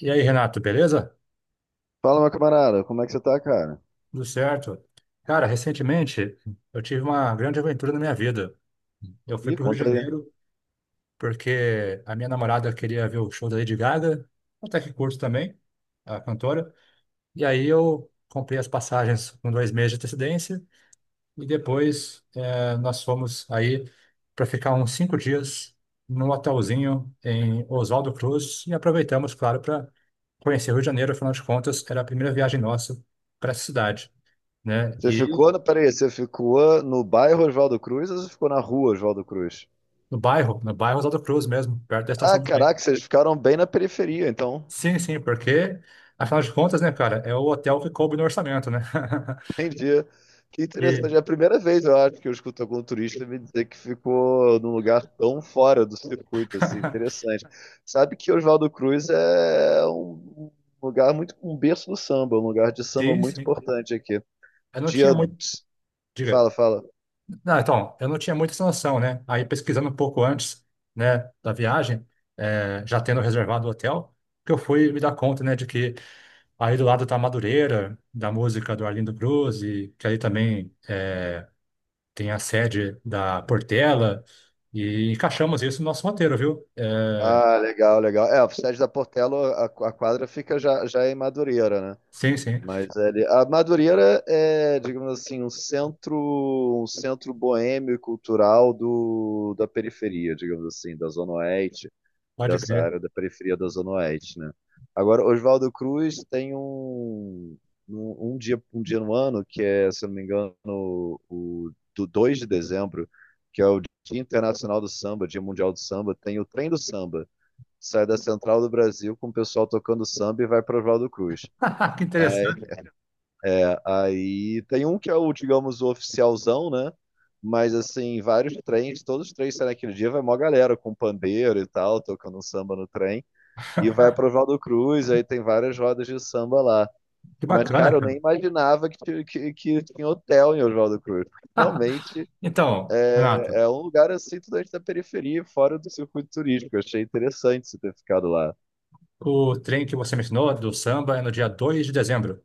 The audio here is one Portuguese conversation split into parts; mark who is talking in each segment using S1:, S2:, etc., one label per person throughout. S1: E aí, Renato, beleza?
S2: Fala, meu camarada, como é que você tá, cara?
S1: Tudo certo? Cara, recentemente eu tive uma grande aventura na minha vida. Eu fui
S2: Ih,
S1: para o Rio de
S2: conta aí.
S1: Janeiro porque a minha namorada queria ver o show da Lady Gaga, até que curto também, a cantora. E aí eu comprei as passagens com 2 meses de antecedência e depois nós fomos aí para ficar uns 5 dias num hotelzinho em Oswaldo Cruz e aproveitamos, claro, para conhecer o Rio de Janeiro. Afinal de contas, era a primeira viagem nossa para essa cidade, né?
S2: Você
S1: E
S2: ficou, no- Peraí, você ficou no bairro Oswaldo Cruz ou você ficou na rua Oswaldo Cruz?
S1: no bairro, no bairro Oswaldo Cruz mesmo, perto da
S2: Ah,
S1: estação do trem.
S2: caraca, vocês ficaram bem na periferia, então.
S1: Sim, sim, porque, afinal de contas, né, cara, é o hotel que coube no orçamento, né?
S2: Entendi. Que
S1: E,
S2: interessante. É a primeira vez, eu acho, que eu escuto algum turista me dizer que ficou num lugar tão fora do circuito, assim. Interessante. Sabe que Oswaldo Cruz é um lugar muito, um berço do samba, um lugar de samba
S1: sim,
S2: muito
S1: sim.
S2: importante aqui.
S1: Eu não tinha
S2: Dia.
S1: muito. Diga.
S2: Fala, fala.
S1: Não, então, eu não tinha muita essa noção, né? Aí pesquisando um pouco antes, né, da viagem, já tendo reservado o hotel, que eu fui me dar conta, né, de que aí do lado tá a Madureira, da música do Arlindo Cruz, e que aí também tem a sede da Portela e encaixamos isso no nosso roteiro, viu? É,
S2: Ah, legal, legal. É, o Sede da Portela, a quadra fica já em Madureira, né?
S1: sim, sim,
S2: Mas ele, a Madureira é, digamos assim, um centro boêmio e cultural da periferia, digamos assim, da Zona Oeste,
S1: pode
S2: dessa
S1: crer.
S2: área da periferia da Zona Oeste, né? Agora, Oswaldo Cruz tem um dia no ano, que é, se eu não me engano, do 2 de dezembro, que é o Dia Internacional do Samba, Dia Mundial do Samba, tem o Trem do Samba sai da Central do Brasil com o pessoal tocando samba e vai para Oswaldo Cruz.
S1: Que
S2: Aí,
S1: interessante.
S2: aí tem um que é o, digamos, o oficialzão, né? Mas assim, vários trens, todos os trens saem naquele dia, vai mó galera com pandeiro e tal, tocando um samba no trem, e vai para Oswaldo Cruz, aí tem várias rodas de samba lá.
S1: Que
S2: Mas,
S1: bacana,
S2: cara, eu
S1: cara.
S2: nem imaginava que tinha hotel em Oswaldo Cruz. Realmente
S1: Então, Renato,
S2: é um lugar assim, totalmente da periferia, fora do circuito turístico. Eu achei interessante você ter ficado lá.
S1: o trem que você mencionou do samba é no dia 2 de dezembro.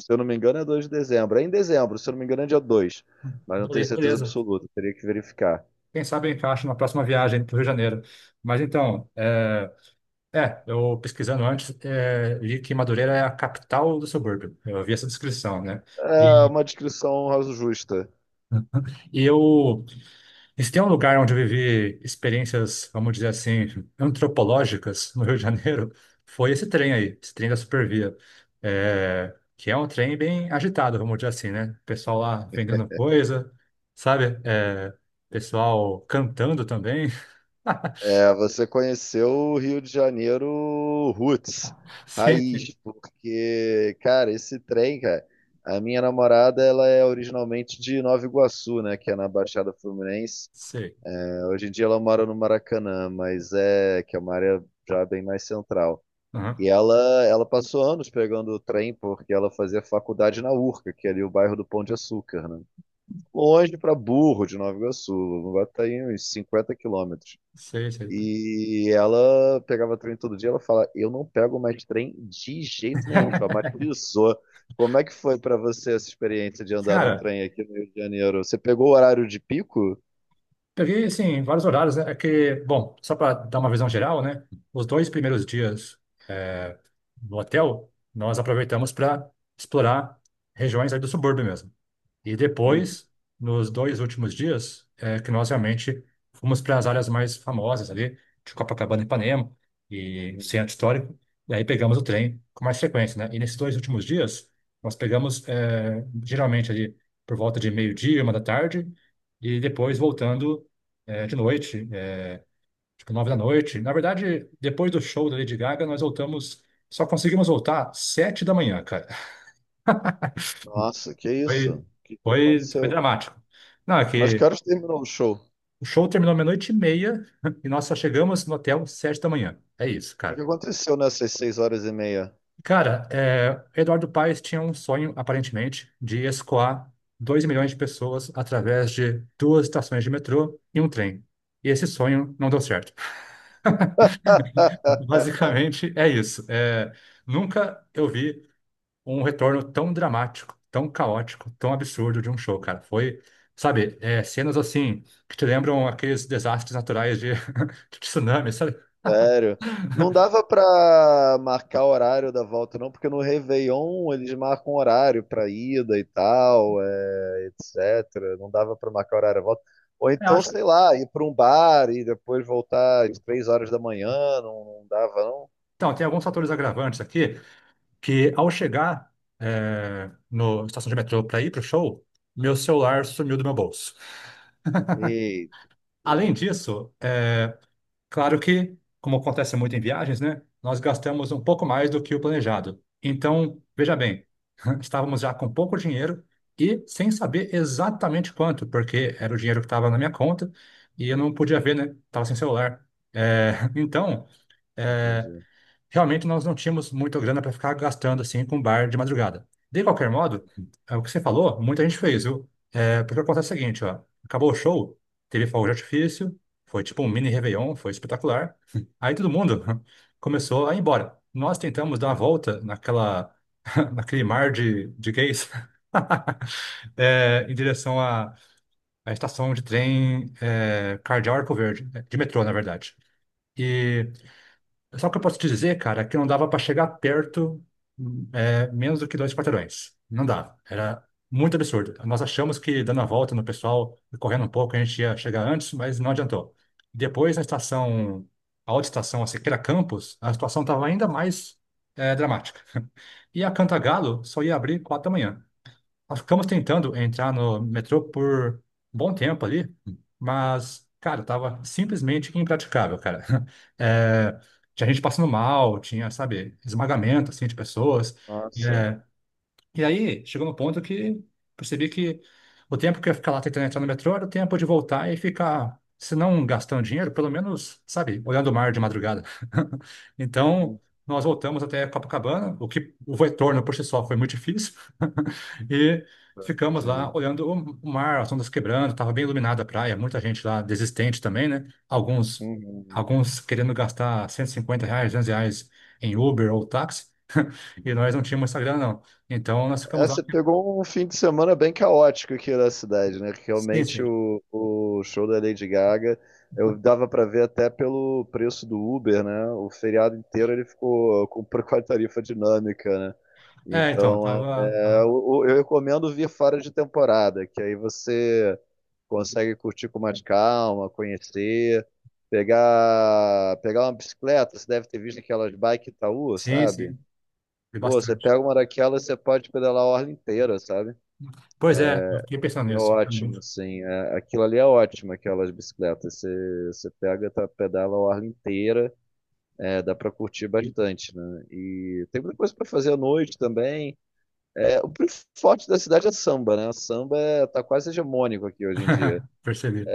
S2: Se eu não me engano, é 2 de dezembro. É em dezembro, se eu não me engano, é dia dois. Mas não tenho
S1: Bele-
S2: certeza
S1: Beleza.
S2: absoluta, teria que verificar.
S1: Quem sabe eu encaixo na próxima viagem para o Rio de Janeiro. Mas então, eu pesquisando antes, li que Madureira é a capital do subúrbio. Eu vi essa descrição, né?
S2: É
S1: E,
S2: uma descrição raso justa.
S1: e eu E se tem um lugar onde eu vivi experiências, vamos dizer assim, antropológicas no Rio de Janeiro, foi esse trem aí, esse trem da Supervia. É, que é um trem bem agitado, vamos dizer assim, né? Pessoal lá vendendo coisa, sabe? É, pessoal cantando também.
S2: É, você conheceu o Rio de Janeiro roots,
S1: Sim, sim,
S2: raiz, porque, cara, esse trem, cara, a minha namorada, ela é originalmente de Nova Iguaçu, né, que é na Baixada Fluminense.
S1: sei.
S2: É, hoje em dia ela mora no Maracanã, mas é, que é uma área já bem mais central. E
S1: Aham,
S2: ela passou anos pegando o trem porque ela fazia faculdade na Urca, que é ali o bairro do Pão de Açúcar, né? Longe para burro de Nova Iguaçu, vai estar aí uns 50 km.
S1: sei, sei.
S2: E ela pegava trem todo dia, ela fala, eu não pego mais trem de jeito nenhum, traumatizou. Como é que foi para você essa experiência de andar no
S1: Cara,
S2: trem aqui no Rio de Janeiro? Você pegou o horário de pico?
S1: peguei, assim, vários horários, né? É que, bom, só para dar uma visão geral, né? Os dois primeiros dias eh, no hotel, nós aproveitamos para explorar regiões aí do subúrbio mesmo. E
S2: Uhum.
S1: depois, nos dois últimos dias, que nós realmente fomos para as áreas mais famosas ali, de Copacabana e Ipanema, e centro histórico, e aí pegamos o trem com mais frequência, né? E nesses dois últimos dias, nós pegamos geralmente ali por volta de meio-dia, 1 da tarde, e depois voltando de noite, tipo 9 da noite. Na verdade, depois do show da Lady Gaga, nós voltamos, só conseguimos voltar 7 da manhã, cara.
S2: Nossa, que isso?
S1: Foi,
S2: O que que
S1: foi
S2: aconteceu?
S1: dramático. Não, é
S2: Mas que
S1: que
S2: horas terminou o show? O
S1: o show terminou meia-noite e meia e nós só chegamos no hotel 7 da manhã. É isso,
S2: que que
S1: cara.
S2: aconteceu nessas 6 horas e meia?
S1: Cara, Eduardo Paes tinha um sonho, aparentemente, de escoar 2 milhões de pessoas através de duas estações de metrô e um trem. E esse sonho não deu certo. Basicamente é isso. É, nunca eu vi um retorno tão dramático, tão caótico, tão absurdo de um show, cara. Foi, sabe, cenas assim que te lembram aqueles desastres naturais de, de tsunami, sabe?
S2: Sério. Não dava pra marcar horário da volta, não, porque no Réveillon eles marcam horário pra ida e tal, etc. Não dava pra marcar horário da volta. Ou então, sei lá, ir pra um bar e depois voltar às 3 horas da manhã, não, não dava, não?
S1: Então, tem alguns fatores agravantes aqui que, ao chegar na estação de metrô para ir para o show, meu celular sumiu do meu bolso.
S2: Eita,
S1: Além disso, é claro que, como acontece muito em viagens, né, nós gastamos um pouco mais do que o planejado. Então, veja bem, estávamos já com pouco dinheiro e sem saber exatamente quanto, porque era o dinheiro que estava na minha conta e eu não podia ver, né? Estava sem celular. É, então, eh,
S2: entendi.
S1: realmente nós não tínhamos muita grana para ficar gastando assim com bar de madrugada. De qualquer modo, é o que você falou, muita gente fez, viu? É, porque acontece o seguinte, ó, acabou o show, teve fogo de artifício, foi tipo um mini Réveillon, foi espetacular. Aí todo mundo começou a ir embora. Nós tentamos dar uma volta naquela, naquele mar de gays, em direção à estação de trem Cardeal Arco Verde, de metrô, na verdade. E só o que eu posso te dizer, cara, é que não dava para chegar perto, menos do que 2 quarteirões. Não dava. Era muito absurdo. Nós achamos que dando a volta no pessoal, correndo um pouco, a gente ia chegar antes, mas não adiantou. Depois, na estação, a outra estação, a Siqueira Campos, a situação estava ainda mais, dramática. E a Cantagalo só ia abrir 4 da manhã. Nós ficamos tentando entrar no metrô por um bom tempo ali, mas, cara, tava simplesmente impraticável, cara. É, tinha gente passando mal, tinha, sabe, esmagamento, assim, de pessoas.
S2: Nossa,
S1: É, e aí, chegou no ponto que percebi que o tempo que eu ia ficar lá tentando entrar no metrô era o tempo de voltar e ficar, se não gastando dinheiro, pelo menos, sabe, olhando o mar de madrugada. Então,
S2: hum,
S1: nós voltamos até Copacabana, o que o retorno por si só foi muito difícil, e ficamos lá
S2: imagina.
S1: olhando o mar, as ondas quebrando, estava bem iluminada a praia, muita gente lá desistente também, né? Alguns,
S2: Uhum.
S1: alguns querendo gastar R$ 150, R$ 200 em Uber ou táxi. E nós não tínhamos Instagram, não. Então nós
S2: É,
S1: ficamos lá.
S2: você pegou um fim de semana bem caótico aqui na cidade, né? Que
S1: Sim,
S2: realmente
S1: sim.
S2: o show da Lady Gaga, eu dava pra ver até pelo preço do Uber, né? O feriado inteiro ele ficou com, com a tarifa dinâmica, né?
S1: É, então,
S2: Então,
S1: tava,
S2: eu recomendo vir fora de temporada, que aí você consegue curtir com mais calma, conhecer, pegar uma bicicleta, você deve ter visto aquelas bike Itaú,
S1: Sim,
S2: sabe?
S1: sim, foi
S2: Pô, você
S1: bastante.
S2: pega uma daquelas, você pode pedalar a orla inteira, sabe?
S1: Pois é, eu fiquei pensando
S2: É
S1: nisso.
S2: ótimo, assim. Aquilo ali é ótimo, aquelas bicicletas. Você pega, tá, pedala a orla inteira, é, dá pra curtir bastante, né? E tem muita coisa pra fazer à noite também. É, forte da cidade é samba, né? Samba é, tá quase hegemônico aqui hoje em dia.
S1: Percebi.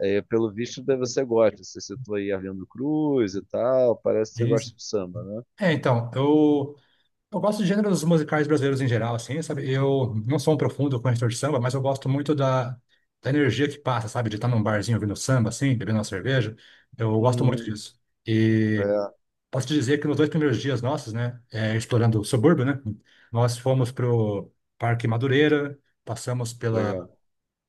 S2: É, pelo visto, deve você gosta. Você citou aí Arlindo Cruz e tal, parece que você
S1: Sim, sim.
S2: gosta de samba, né?
S1: É, então, eu gosto de gêneros musicais brasileiros em geral, assim, sabe? Eu não sou um profundo conhecedor de samba, mas eu gosto muito da energia que passa, sabe? De estar num barzinho ouvindo samba, assim, bebendo uma cerveja. Eu gosto muito
S2: Uhum.
S1: disso. E
S2: É,
S1: posso te dizer que nos dois primeiros dias nossos, né, explorando o subúrbio, né, nós fomos pro Parque Madureira, passamos pela
S2: legal.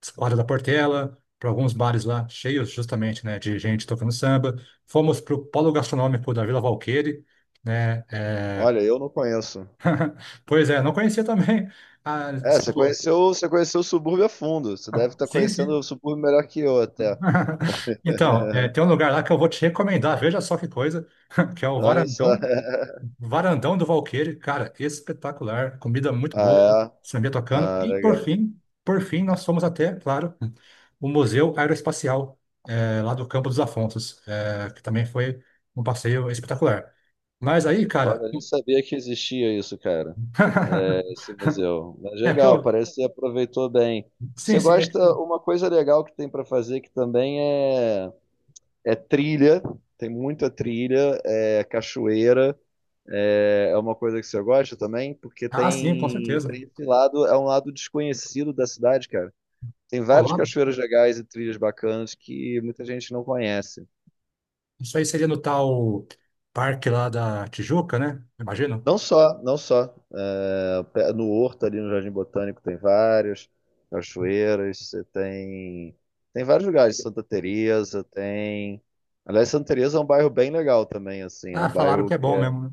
S1: Escola da Portela, para alguns bares lá cheios justamente, né, de gente tocando samba. Fomos pro Polo Gastronômico da Vila Valqueire, né.
S2: Olha, eu não conheço.
S1: Pois é, não conhecia também. Ah,
S2: É, você
S1: tipo,
S2: conheceu, você conheceu o subúrbio a fundo. Você deve estar
S1: sim,
S2: conhecendo
S1: sim.
S2: o subúrbio melhor que eu até.
S1: Então, tem um lugar lá que eu vou te recomendar, veja só que coisa, que é o
S2: Olha só.
S1: Varandão do Valqueire, cara, espetacular. Comida muito boa,
S2: Ah,
S1: samba
S2: é?
S1: tocando.
S2: Ah,
S1: E
S2: legal.
S1: por fim, nós fomos até, claro, o Museu Aeroespacial, lá do Campo dos Afonsos, que também foi um passeio espetacular. Mas aí, cara,
S2: Olha, eu nem sabia que existia isso, cara. Esse museu. Mas
S1: é que
S2: legal,
S1: eu.
S2: parece que aproveitou bem. Você
S1: Sim, sim.
S2: gosta, uma coisa legal que tem para fazer que também é trilha. Tem muita trilha, é cachoeira. É, é uma coisa que você gosta também, porque
S1: Ah, sim, com
S2: tem,
S1: certeza.
S2: tem esse lado, é um lado desconhecido da cidade, cara. Tem
S1: Ao
S2: várias
S1: lado.
S2: cachoeiras legais e trilhas bacanas que muita gente não conhece.
S1: Isso aí seria no tal parque lá da Tijuca, né? Imagino.
S2: Não só, não só. É, no Horto, ali no Jardim Botânico, tem vários. Cachoeiras, você tem. Tem vários lugares. Santa Teresa tem. Aliás, Santa Teresa é um bairro bem legal também, assim. É
S1: Ah,
S2: um
S1: falaram
S2: bairro
S1: que é
S2: que
S1: bom
S2: é.
S1: mesmo, né?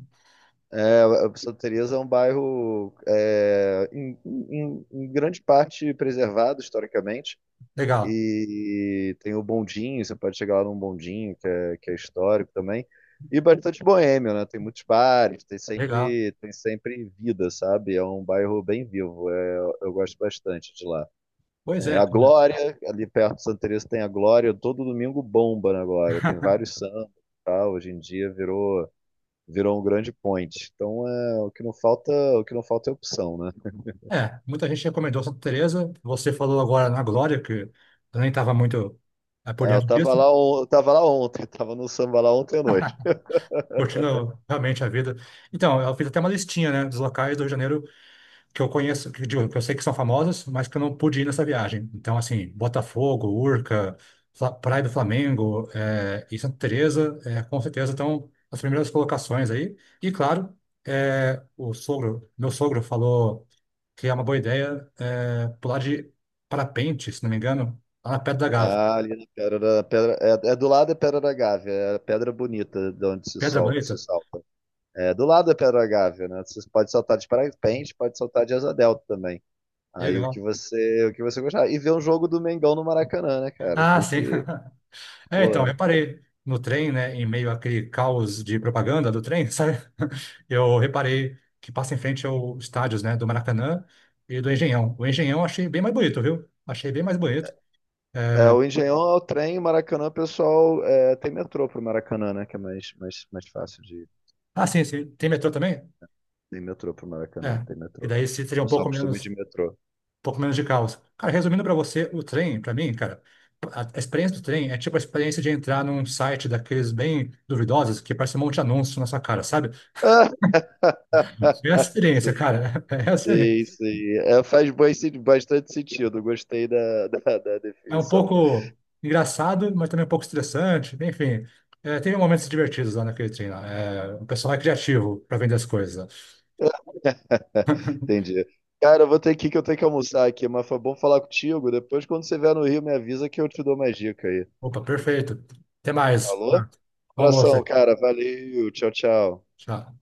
S2: É, Santa Teresa é um bairro é, em grande parte preservado historicamente.
S1: Legal,
S2: E tem o bondinho, você pode chegar lá num bondinho, que é histórico também. E bastante boêmio, né? Tem muitos bares, tem
S1: legal.
S2: sempre, tem sempre vida, sabe? É um bairro bem vivo, é, eu gosto bastante de lá.
S1: Pois
S2: É,
S1: é,
S2: a
S1: cara.
S2: Glória, ali perto de Santa Teresa tem a Glória, todo domingo bomba na Glória, tem vários sambas e tal, hoje em dia virou um grande point. Então, é, o que não falta é opção, né?
S1: É, muita gente recomendou Santa Teresa. Você falou agora na Glória, que eu nem estava muito por
S2: É,
S1: dentro disso,
S2: eu tava lá ontem, tava no samba lá ontem à noite.
S1: curtindo realmente a vida. Então, eu fiz até uma listinha, né, dos locais do Rio de Janeiro que eu conheço, que, digo, que eu sei que são famosas, mas que eu não pude ir nessa viagem. Então, assim, Botafogo, Urca, Praia do Flamengo, e Santa Teresa, com certeza estão as primeiras colocações aí. E claro, meu sogro falou que é uma boa ideia pular de parapente, se não me engano, lá na Pedra da Gávea.
S2: Ah, ali na Pedra da Pedra. É, é do lado é Pedra da Gávea, é a pedra bonita de onde se
S1: Pedra
S2: solta, se
S1: Bonita,
S2: salta. É do lado é Pedra da Gávea, né? Você pode saltar de parapente, pode saltar de asa delta também. Aí o que
S1: legal.
S2: você, o que você gostar. E ver um jogo do Mengão no Maracanã, né, cara?
S1: Ah,
S2: Tem
S1: sim.
S2: que.
S1: É, então,
S2: Pô, né?
S1: reparei no trem, né, em meio àquele caos de propaganda do trem, sabe? Eu reparei que passa em frente aos estádios, né, do Maracanã e do Engenhão. O Engenhão eu achei bem mais bonito, viu? Achei bem mais bonito.
S2: É, o Engenhão é o trem, o Maracanã, o pessoal é, tem metrô pro Maracanã, né? Que é mais fácil de ir.
S1: Ah, sim, sim. Tem metrô também?
S2: Tem metrô pro Maracanã,
S1: É.
S2: tem
S1: E
S2: metrô.
S1: daí
S2: O
S1: seria
S2: pessoal costuma ir
S1: um
S2: de metrô.
S1: pouco menos de caos. Cara, resumindo pra você, o trem, pra mim, cara, a experiência do trem é tipo a experiência de entrar num site daqueles bem duvidosos que parece um monte de anúncio na sua cara, sabe? É a experiência,
S2: Sim.
S1: cara. É a
S2: Sim,
S1: experiência.
S2: sim. É, faz bastante sentido. Gostei da, da
S1: É um
S2: definição.
S1: pouco engraçado, mas também um pouco estressante. Enfim, teve momentos divertidos lá naquele treino. É, o pessoal é criativo para vender as coisas.
S2: Entendi. Cara, eu vou ter que ir que eu tenho que almoçar aqui, mas foi bom falar contigo. Depois, quando você vier no Rio, me avisa que eu te dou mais dica aí.
S1: Opa, perfeito. Até mais.
S2: Falou?
S1: Ah, bom almoço
S2: Abração,
S1: aí.
S2: cara. Valeu. Tchau, tchau.
S1: Tchau.